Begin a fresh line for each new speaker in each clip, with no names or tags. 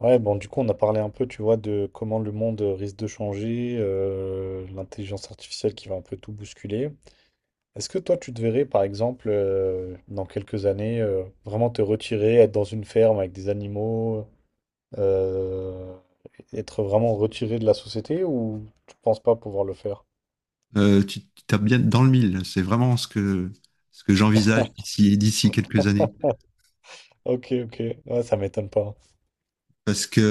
Ouais, bon, du coup, on a parlé un peu, tu vois, de comment le monde risque de changer, l'intelligence artificielle qui va un peu tout bousculer. Est-ce que toi, tu te verrais, par exemple, dans quelques années, vraiment te retirer, être dans une ferme avec des animaux, euh, être vraiment retiré de la société ou tu penses pas pouvoir le faire?
Tu tapes bien dans le mille. C'est vraiment ce que j'envisage d'ici, d'ici quelques années.
Ok, ok, ouais, ça m'étonne pas.
Parce que,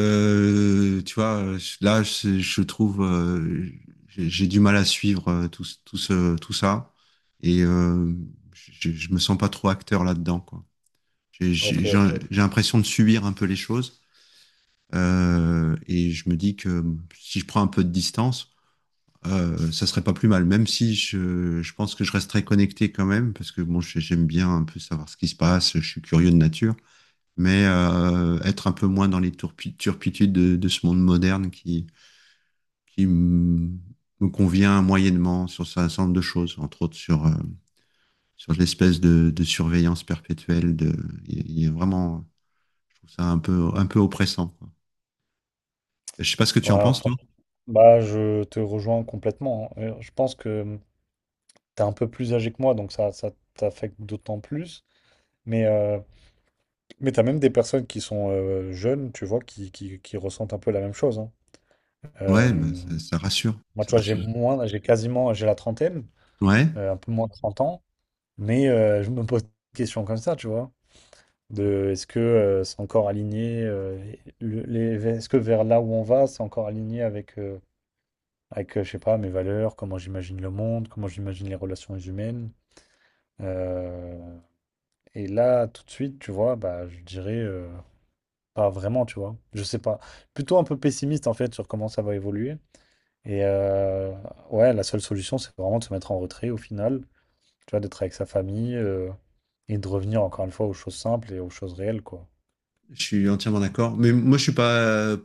tu vois, là, je trouve, j'ai du mal à suivre tout, tout ça. Et euh, je me sens pas trop acteur là-dedans, quoi.
Ok, ok.
J'ai l'impression de subir un peu les choses. Et je me dis que si je prends un peu de distance, ça serait pas plus mal, même si je pense que je resterai connecté quand même, parce que bon, j'aime bien un peu savoir ce qui se passe, je suis curieux de nature, mais être un peu moins dans les turpitudes de ce monde moderne qui, qui m- me convient moyennement sur un certain nombre de choses, entre autres sur, sur l'espèce de surveillance perpétuelle. De, il y a vraiment, je trouve ça un peu oppressant, quoi. Je sais pas ce que tu en
Ouais,
penses, toi.
franchement. Bah, je te rejoins complètement, hein. Je pense que t'es un peu plus âgé que moi, donc ça t'affecte d'autant plus. Mais, mais t'as même des personnes qui sont jeunes, tu vois, qui ressentent un peu la même chose, hein. Euh,
Ouais, bah, ça rassure,
Moi, tu
ça
vois, j'ai
rassure.
moins, j'ai quasiment, j'ai la trentaine,
Ouais.
un peu moins de 30 ans, mais je me pose des questions comme ça, tu vois, de est-ce que c'est encore aligné, est-ce que vers là où on va, c'est encore aligné avec, je sais pas, mes valeurs, comment j'imagine le monde, comment j'imagine les relations humaines. Euh, et là, tout de suite, tu vois, bah, je dirais pas vraiment, tu vois. Je sais pas. Plutôt un peu pessimiste en fait sur comment ça va évoluer. Et ouais, la seule solution, c'est vraiment de se mettre en retrait au final. Tu vois, d'être avec sa famille, et de revenir encore une fois aux choses simples et aux choses réelles, quoi.
Je suis entièrement d'accord. Mais moi, je suis pas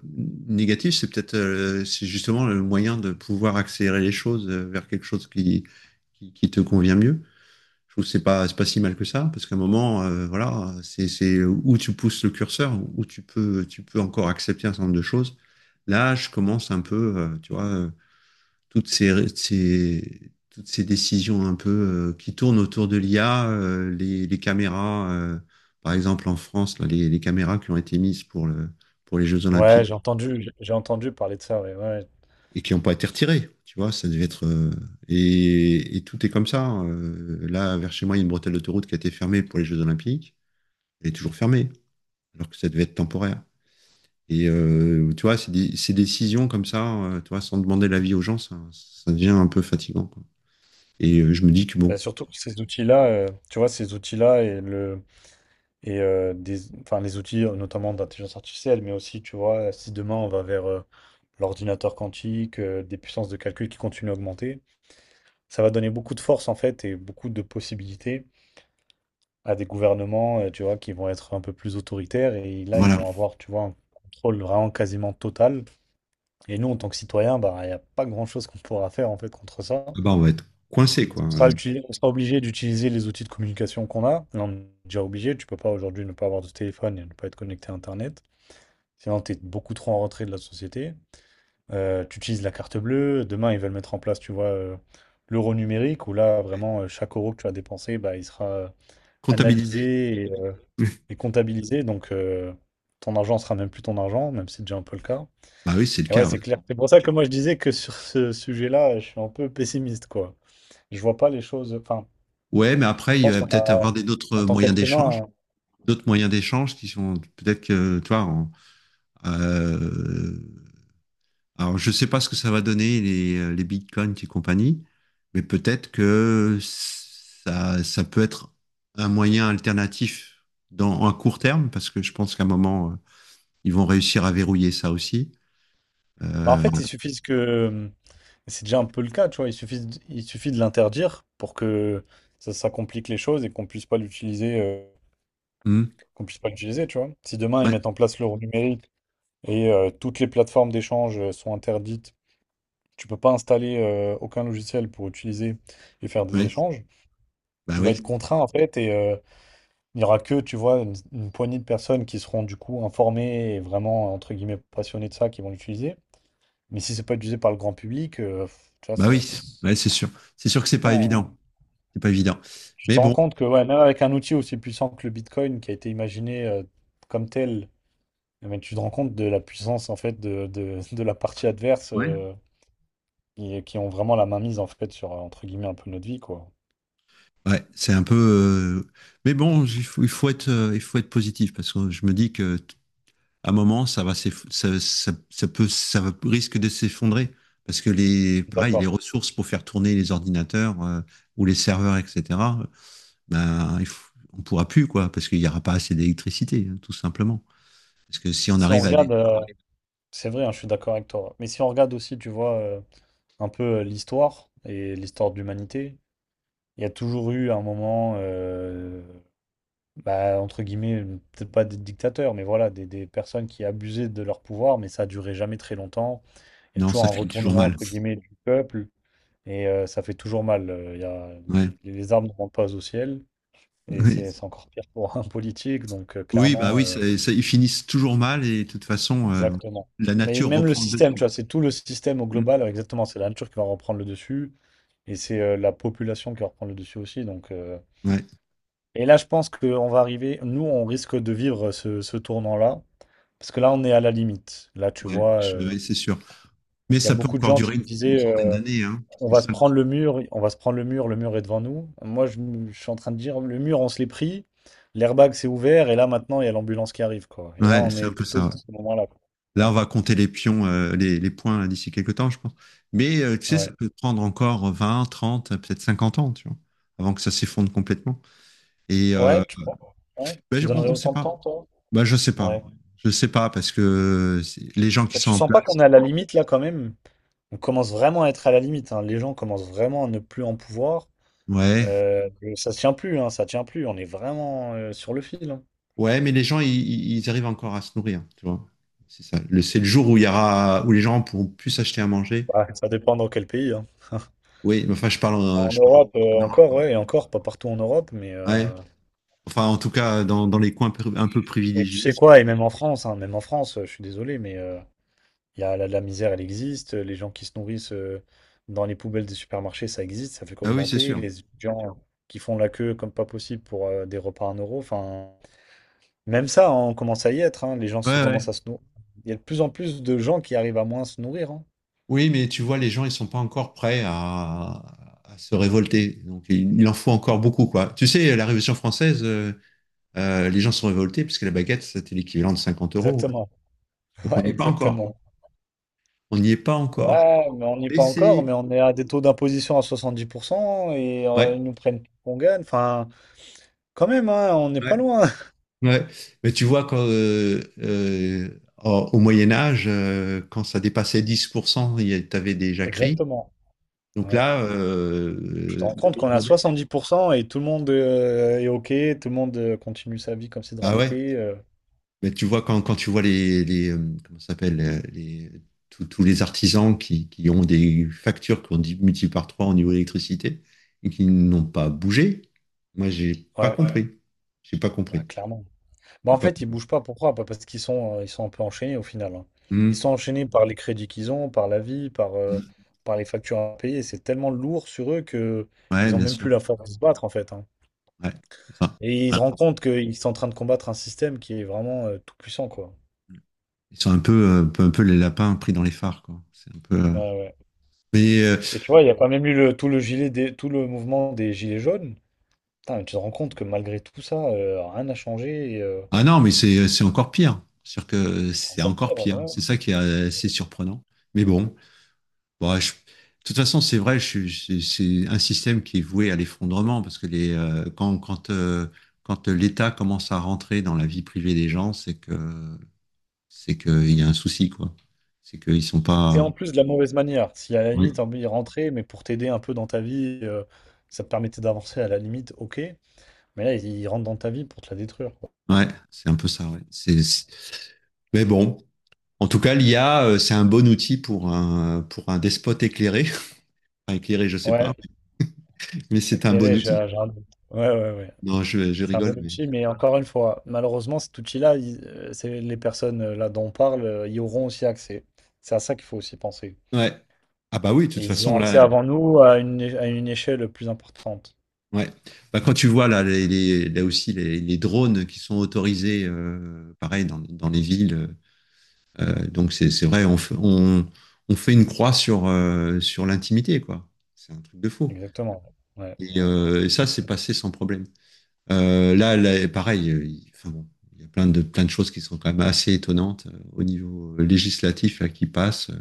négatif. C'est peut-être, c'est justement le moyen de pouvoir accélérer les choses vers quelque chose qui te convient mieux. Je trouve que c'est pas si mal que ça, parce qu'à un moment, voilà, c'est où tu pousses le curseur, où tu peux encore accepter un certain nombre de choses. Là, je commence un peu, tu vois, toutes ces, toutes ces décisions un peu qui tournent autour de l'IA, les caméras, par exemple en France, là, les caméras qui ont été mises pour le, pour les Jeux
Ouais,
Olympiques
j'ai entendu parler de ça. Ouais, ouais.
et qui n'ont pas été retirées, tu vois, ça devait être... et tout est comme ça, hein. Là, vers chez moi, il y a une bretelle d'autoroute qui a été fermée pour les Jeux Olympiques. Elle est toujours fermée, alors que ça devait être temporaire. Tu vois, ces, ces décisions comme ça, tu vois, sans demander l'avis aux gens, ça devient un peu fatigant, quoi. Je me dis que
Bah,
bon,
surtout que ces outils-là, tu vois, ces outils-là et le et des, enfin les outils notamment d'intelligence artificielle, mais aussi, tu vois, si demain on va vers l'ordinateur quantique, des puissances de calcul qui continuent à augmenter. Ça va donner beaucoup de force en fait et beaucoup de possibilités à des gouvernements, tu vois, qui vont être un peu plus autoritaires et là ils
voilà.
vont avoir, tu vois, un contrôle vraiment quasiment total. Et nous, en tant que citoyens, bah, il n'y a pas grand-chose qu'on pourra faire en fait contre ça.
Ah bah, on va être coincé, quoi.
On sera, on sera obligé d'utiliser les outils de communication qu'on a. Là, on est déjà obligé. Tu peux pas aujourd'hui ne pas avoir de téléphone et ne pas être connecté à Internet. Sinon, tu es beaucoup trop en retrait de la société. Tu utilises la carte bleue. Demain, ils veulent mettre en place, tu vois, l'euro numérique où là, vraiment, chaque euro que tu as dépensé, bah, il sera
Comptabilisé.
analyser et, et comptabiliser. Donc, ton argent sera même plus ton argent, même si c'est déjà un peu le cas.
Bah oui, c'est le
Et ouais,
cas. Ouais.
c'est clair. C'est pour ça que moi, je disais que sur ce sujet-là, je suis un peu pessimiste, quoi. Je vois pas les choses. Enfin,
Ouais, mais
je
après, il
pense
va
qu'on
peut-être
a,
avoir des
en tant qu'être humain,
d'autres moyens d'échange qui sont peut-être que, tu vois, euh, alors je sais pas ce que ça va donner les bitcoins et compagnie, mais peut-être que ça peut être un moyen alternatif dans un court terme, parce que je pense qu'à un moment, ils vont réussir à verrouiller ça aussi.
bah, en
Euh,
fait, il suffit que. C'est déjà un peu le cas, tu vois. Il suffit, il suffit de l'interdire pour que ça complique les choses et qu'on puisse pas l'utiliser. euh,
hmm,
qu'on puisse pas l'utiliser, tu vois. Si demain ils
ouais,
mettent en place l'euro numérique et toutes les plateformes d'échange sont interdites. Tu peux pas installer aucun logiciel pour utiliser et faire des
ouais,
échanges.
bah
Tu vas
oui.
être contraint en fait et il n'y aura que, tu vois, une poignée de personnes qui seront du coup informées et vraiment entre guillemets passionnées de ça qui vont l'utiliser. Mais si c'est pas utilisé par le grand public, tu vois,
Bah
ça,
oui, ouais, c'est sûr. C'est sûr que c'est pas
non.
évident. C'est pas évident.
Tu
Mais
te rends
bon,
compte que ouais, même avec un outil aussi puissant que le Bitcoin qui a été imaginé comme tel, eh ben, tu te rends compte de la puissance en fait de la partie adverse
ouais.
qui ont vraiment la mainmise en fait sur entre guillemets un peu notre vie, quoi.
Ouais, c'est un peu. Mais bon, il faut être positif parce que je me dis que à un moment, ça va, ça, ça, ça peut, risque de s'effondrer parce que les,
Je suis
pareil, les
d'accord.
ressources pour faire tourner les ordinateurs ou les serveurs, etc. Ben, on pourra plus quoi, parce qu'il n'y aura pas assez d'électricité, hein, tout simplement. Parce que si on
Si on
arrive à les,
regarde, c'est vrai, hein, je suis d'accord avec toi. Mais si on regarde aussi, tu vois, un peu l'histoire et l'histoire de l'humanité, il y a toujours eu un moment, bah, entre guillemets, peut-être pas des dictateurs, mais voilà, des personnes qui abusaient de leur pouvoir, mais ça a duré jamais très longtemps. Il y a
non,
toujours
ça
un
finit toujours
retournement,
mal.
entre guillemets, du peuple. Ça fait toujours mal. Y a,
Ouais.
les armes ne montent pas au ciel. Et c'est c'est encore pire pour un politique. Donc,
Oui, bah
clairement,
oui, ils finissent toujours mal et de toute façon,
exactement.
la
Mais
nature
même le
reprend le
système, tu vois,
dessus.
c'est tout le système au global.
Mm.
Exactement. C'est la nature qui va reprendre le dessus. Et c'est la population qui va reprendre le dessus aussi. Donc,
Ouais,
et là, je pense qu'on va arriver. Nous, on risque de vivre ce tournant-là. Parce que là, on est à la limite. Là, tu
ouais,
vois,
ouais, c'est sûr. Mais
il y a
ça peut
beaucoup de
encore
gens
durer
qui me
une
disaient.
centaine
euh,
d'années, hein.
On
C'est
va
ça.
se prendre le mur, on va se prendre le mur est devant nous. Moi, je suis en train de dire, le mur, on se l'est pris, l'airbag s'est ouvert, et là, maintenant, il y a l'ambulance qui arrive, quoi. Et là,
Ouais,
on
c'est
est
un peu
plutôt
ça, ouais.
dans ce moment-là, quoi.
Là, on
Ouais,
va compter les pions, les points là, d'ici quelques temps, je pense. Mais tu sais, ça
ouais.
peut prendre encore 20, 30, peut-être 50 ans, tu vois, avant que ça s'effondre complètement. Et euh,
Ouais, ouais, tu
ben,
donnerais
on ne sait
autant de temps,
pas.
toi?
Bah, je sais pas.
Ouais.
Je sais pas parce que c'est- les gens qui
Bah,
sont
tu
en
sens pas
place,
qu'on est à la limite, là, quand même? On commence vraiment à être à la limite, hein. Les gens commencent vraiment à ne plus en pouvoir.
ouais.
Euh, Ça tient plus, hein, ça tient plus. On est vraiment sur le fil, hein.
Ouais, mais les gens, ils arrivent encore à se nourrir, tu vois. C'est ça. Le, c'est le jour où il y aura, où les gens pourront plus s'acheter à manger.
Bah, ça dépend dans quel pays, hein.
Oui, mais enfin,
En
je parle
Europe,
en Europe.
encore, ouais, et encore, pas partout en Europe, mais...
Ouais.
euh,
Enfin, en tout cas, dans, dans les un peu
Et tu sais
privilégiés.
quoi, et même en France, hein, même en France, je suis désolé, mais il y a la misère, elle existe. Les gens qui se nourrissent dans les poubelles des supermarchés, ça existe, ça fait
Ah oui, c'est
qu'augmenter.
sûr.
Les étudiants qui font la queue comme pas possible pour des repas à 1 euro, enfin, même ça, hein, on commence à y être. Hein, les gens se
Ouais, ouais.
commencent à se nourrir. Il y a de plus en plus de gens qui arrivent à moins se nourrir, hein.
Oui, mais tu vois, les gens, ils sont pas encore prêts à se révolter. Donc, il en faut encore beaucoup, quoi. Tu sais, la Révolution française, les gens sont révoltés parce que la baguette, c'était l'équivalent de 50 euros.
Exactement.
Donc, on
Ouais,
n'y est pas encore.
exactement.
On n'y est pas encore.
Ouais, mais on n'y est
Mais
pas encore,
c'est...
mais on est à des taux d'imposition à 70% et
Ouais.
ils nous prennent tout qu'on gagne. Enfin, quand même, hein, on n'est
Ouais.
pas loin.
Ouais. Mais tu vois, quand, au au Moyen Âge, quand ça dépassait 10%, tu avais des jacqueries.
Exactement.
Donc
Ouais.
là,
Tu te rends
le
compte qu'on est à
monde moderne-
100 et tout le monde est OK, tout le monde continue sa vie comme si de rien
bah ouais.
n'était.
Mais tu vois, quand, quand tu vois les, comment ça s'appelle, les, tous les artisans qui ont des factures qui ont multiplié par 3 au niveau de l'électricité et qui n'ont pas bougé, moi, j'ai pas, ouais,
Ouais,
compris. J'ai pas
bah
compris.
clairement. Bah
J'ai
en
pas-
fait, ils bougent pas, pourquoi? Bah, parce qu'ils sont un peu enchaînés au final, hein.
Hmm.
Ils sont enchaînés par les crédits qu'ils ont, par la vie, par les factures à payer. C'est tellement lourd sur eux que
Ouais,
ils ont
bien
même
sûr.
plus la force de se battre en fait, hein.
Ouais. C'est ça.
Et ils se rendent compte qu'ils sont en train de combattre un système qui est vraiment tout puissant, quoi.
Ils sont un peu, un peu, un peu les lapins pris dans les phares, quoi. C'est un peu.
Ouais, ouais.
Mais
Et tu vois, il n'y a pas même eu le, tout le gilet des, tout le mouvement des gilets jaunes. Putain, mais tu te rends compte que malgré tout ça, rien n'a changé et, euh,
ah non, mais c'est encore pire, cest
et
que
c'est
c'est
encore
encore
pire,
pire.
ouais.
C'est ça qui est assez surprenant. Mais bon, bon, de toute façon, c'est vrai. C'est un système qui est voué à l'effondrement parce que les, quand, quand, quand l'État commence à rentrer dans la vie privée des gens, c'est que il y a un souci, quoi. C'est qu'ils sont
Et
pas.
en plus de la mauvaise manière, si à la
Ouais.
limite t'as envie de rentrer, mais pour t'aider un peu dans ta vie, ça te permettait d'avancer à la limite, ok. Mais là, il rentre dans ta vie pour te la détruire, quoi.
Ouais, c'est un peu ça, ouais. C'est- Mais bon. En tout cas, l'IA, c'est un bon outil pour un despote éclairé. Enfin, éclairé, je sais pas,
Ouais,
mais c'est un bon
éclairé, j'ai
outil.
j'ai un doute. Ouais, ouais, ouais.
Non, je
C'est un
rigole,
bon
mais.
outil, mais encore une fois, malheureusement, cet outil-là, c'est les personnes là dont on parle, y auront aussi accès. C'est à ça qu'il faut aussi penser.
Ouais. Ah bah oui, de toute
Et ils y ont
façon, là,
accès avant nous à à une échelle plus importante.
ouais. Bah, quand tu vois là, les, là aussi les drones qui sont autorisés, pareil, dans, dans les villes, donc c'est vrai, on, on fait une croix sur, sur l'intimité, quoi. C'est un truc de faux.
Exactement. Ouais, ouais.
Et ça, c'est passé sans problème. Là, là, pareil, il enfin bon, il y a plein de choses qui sont quand même assez étonnantes au niveau législatif là, qui passent.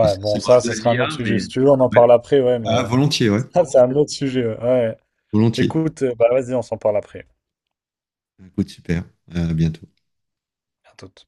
Et ça,
bon,
c'est
ça,
Tu
ce
parles de
sera un autre
l'IA,
sujet. Si
mais
tu veux, on en parle après, ouais, mais
ah, volontiers, ouais,
ça, c'est un autre sujet. Ouais. Ouais.
volontiers.
Écoute, bah vas-y, on s'en parle après.
Écoute, super. À bientôt.
À toute.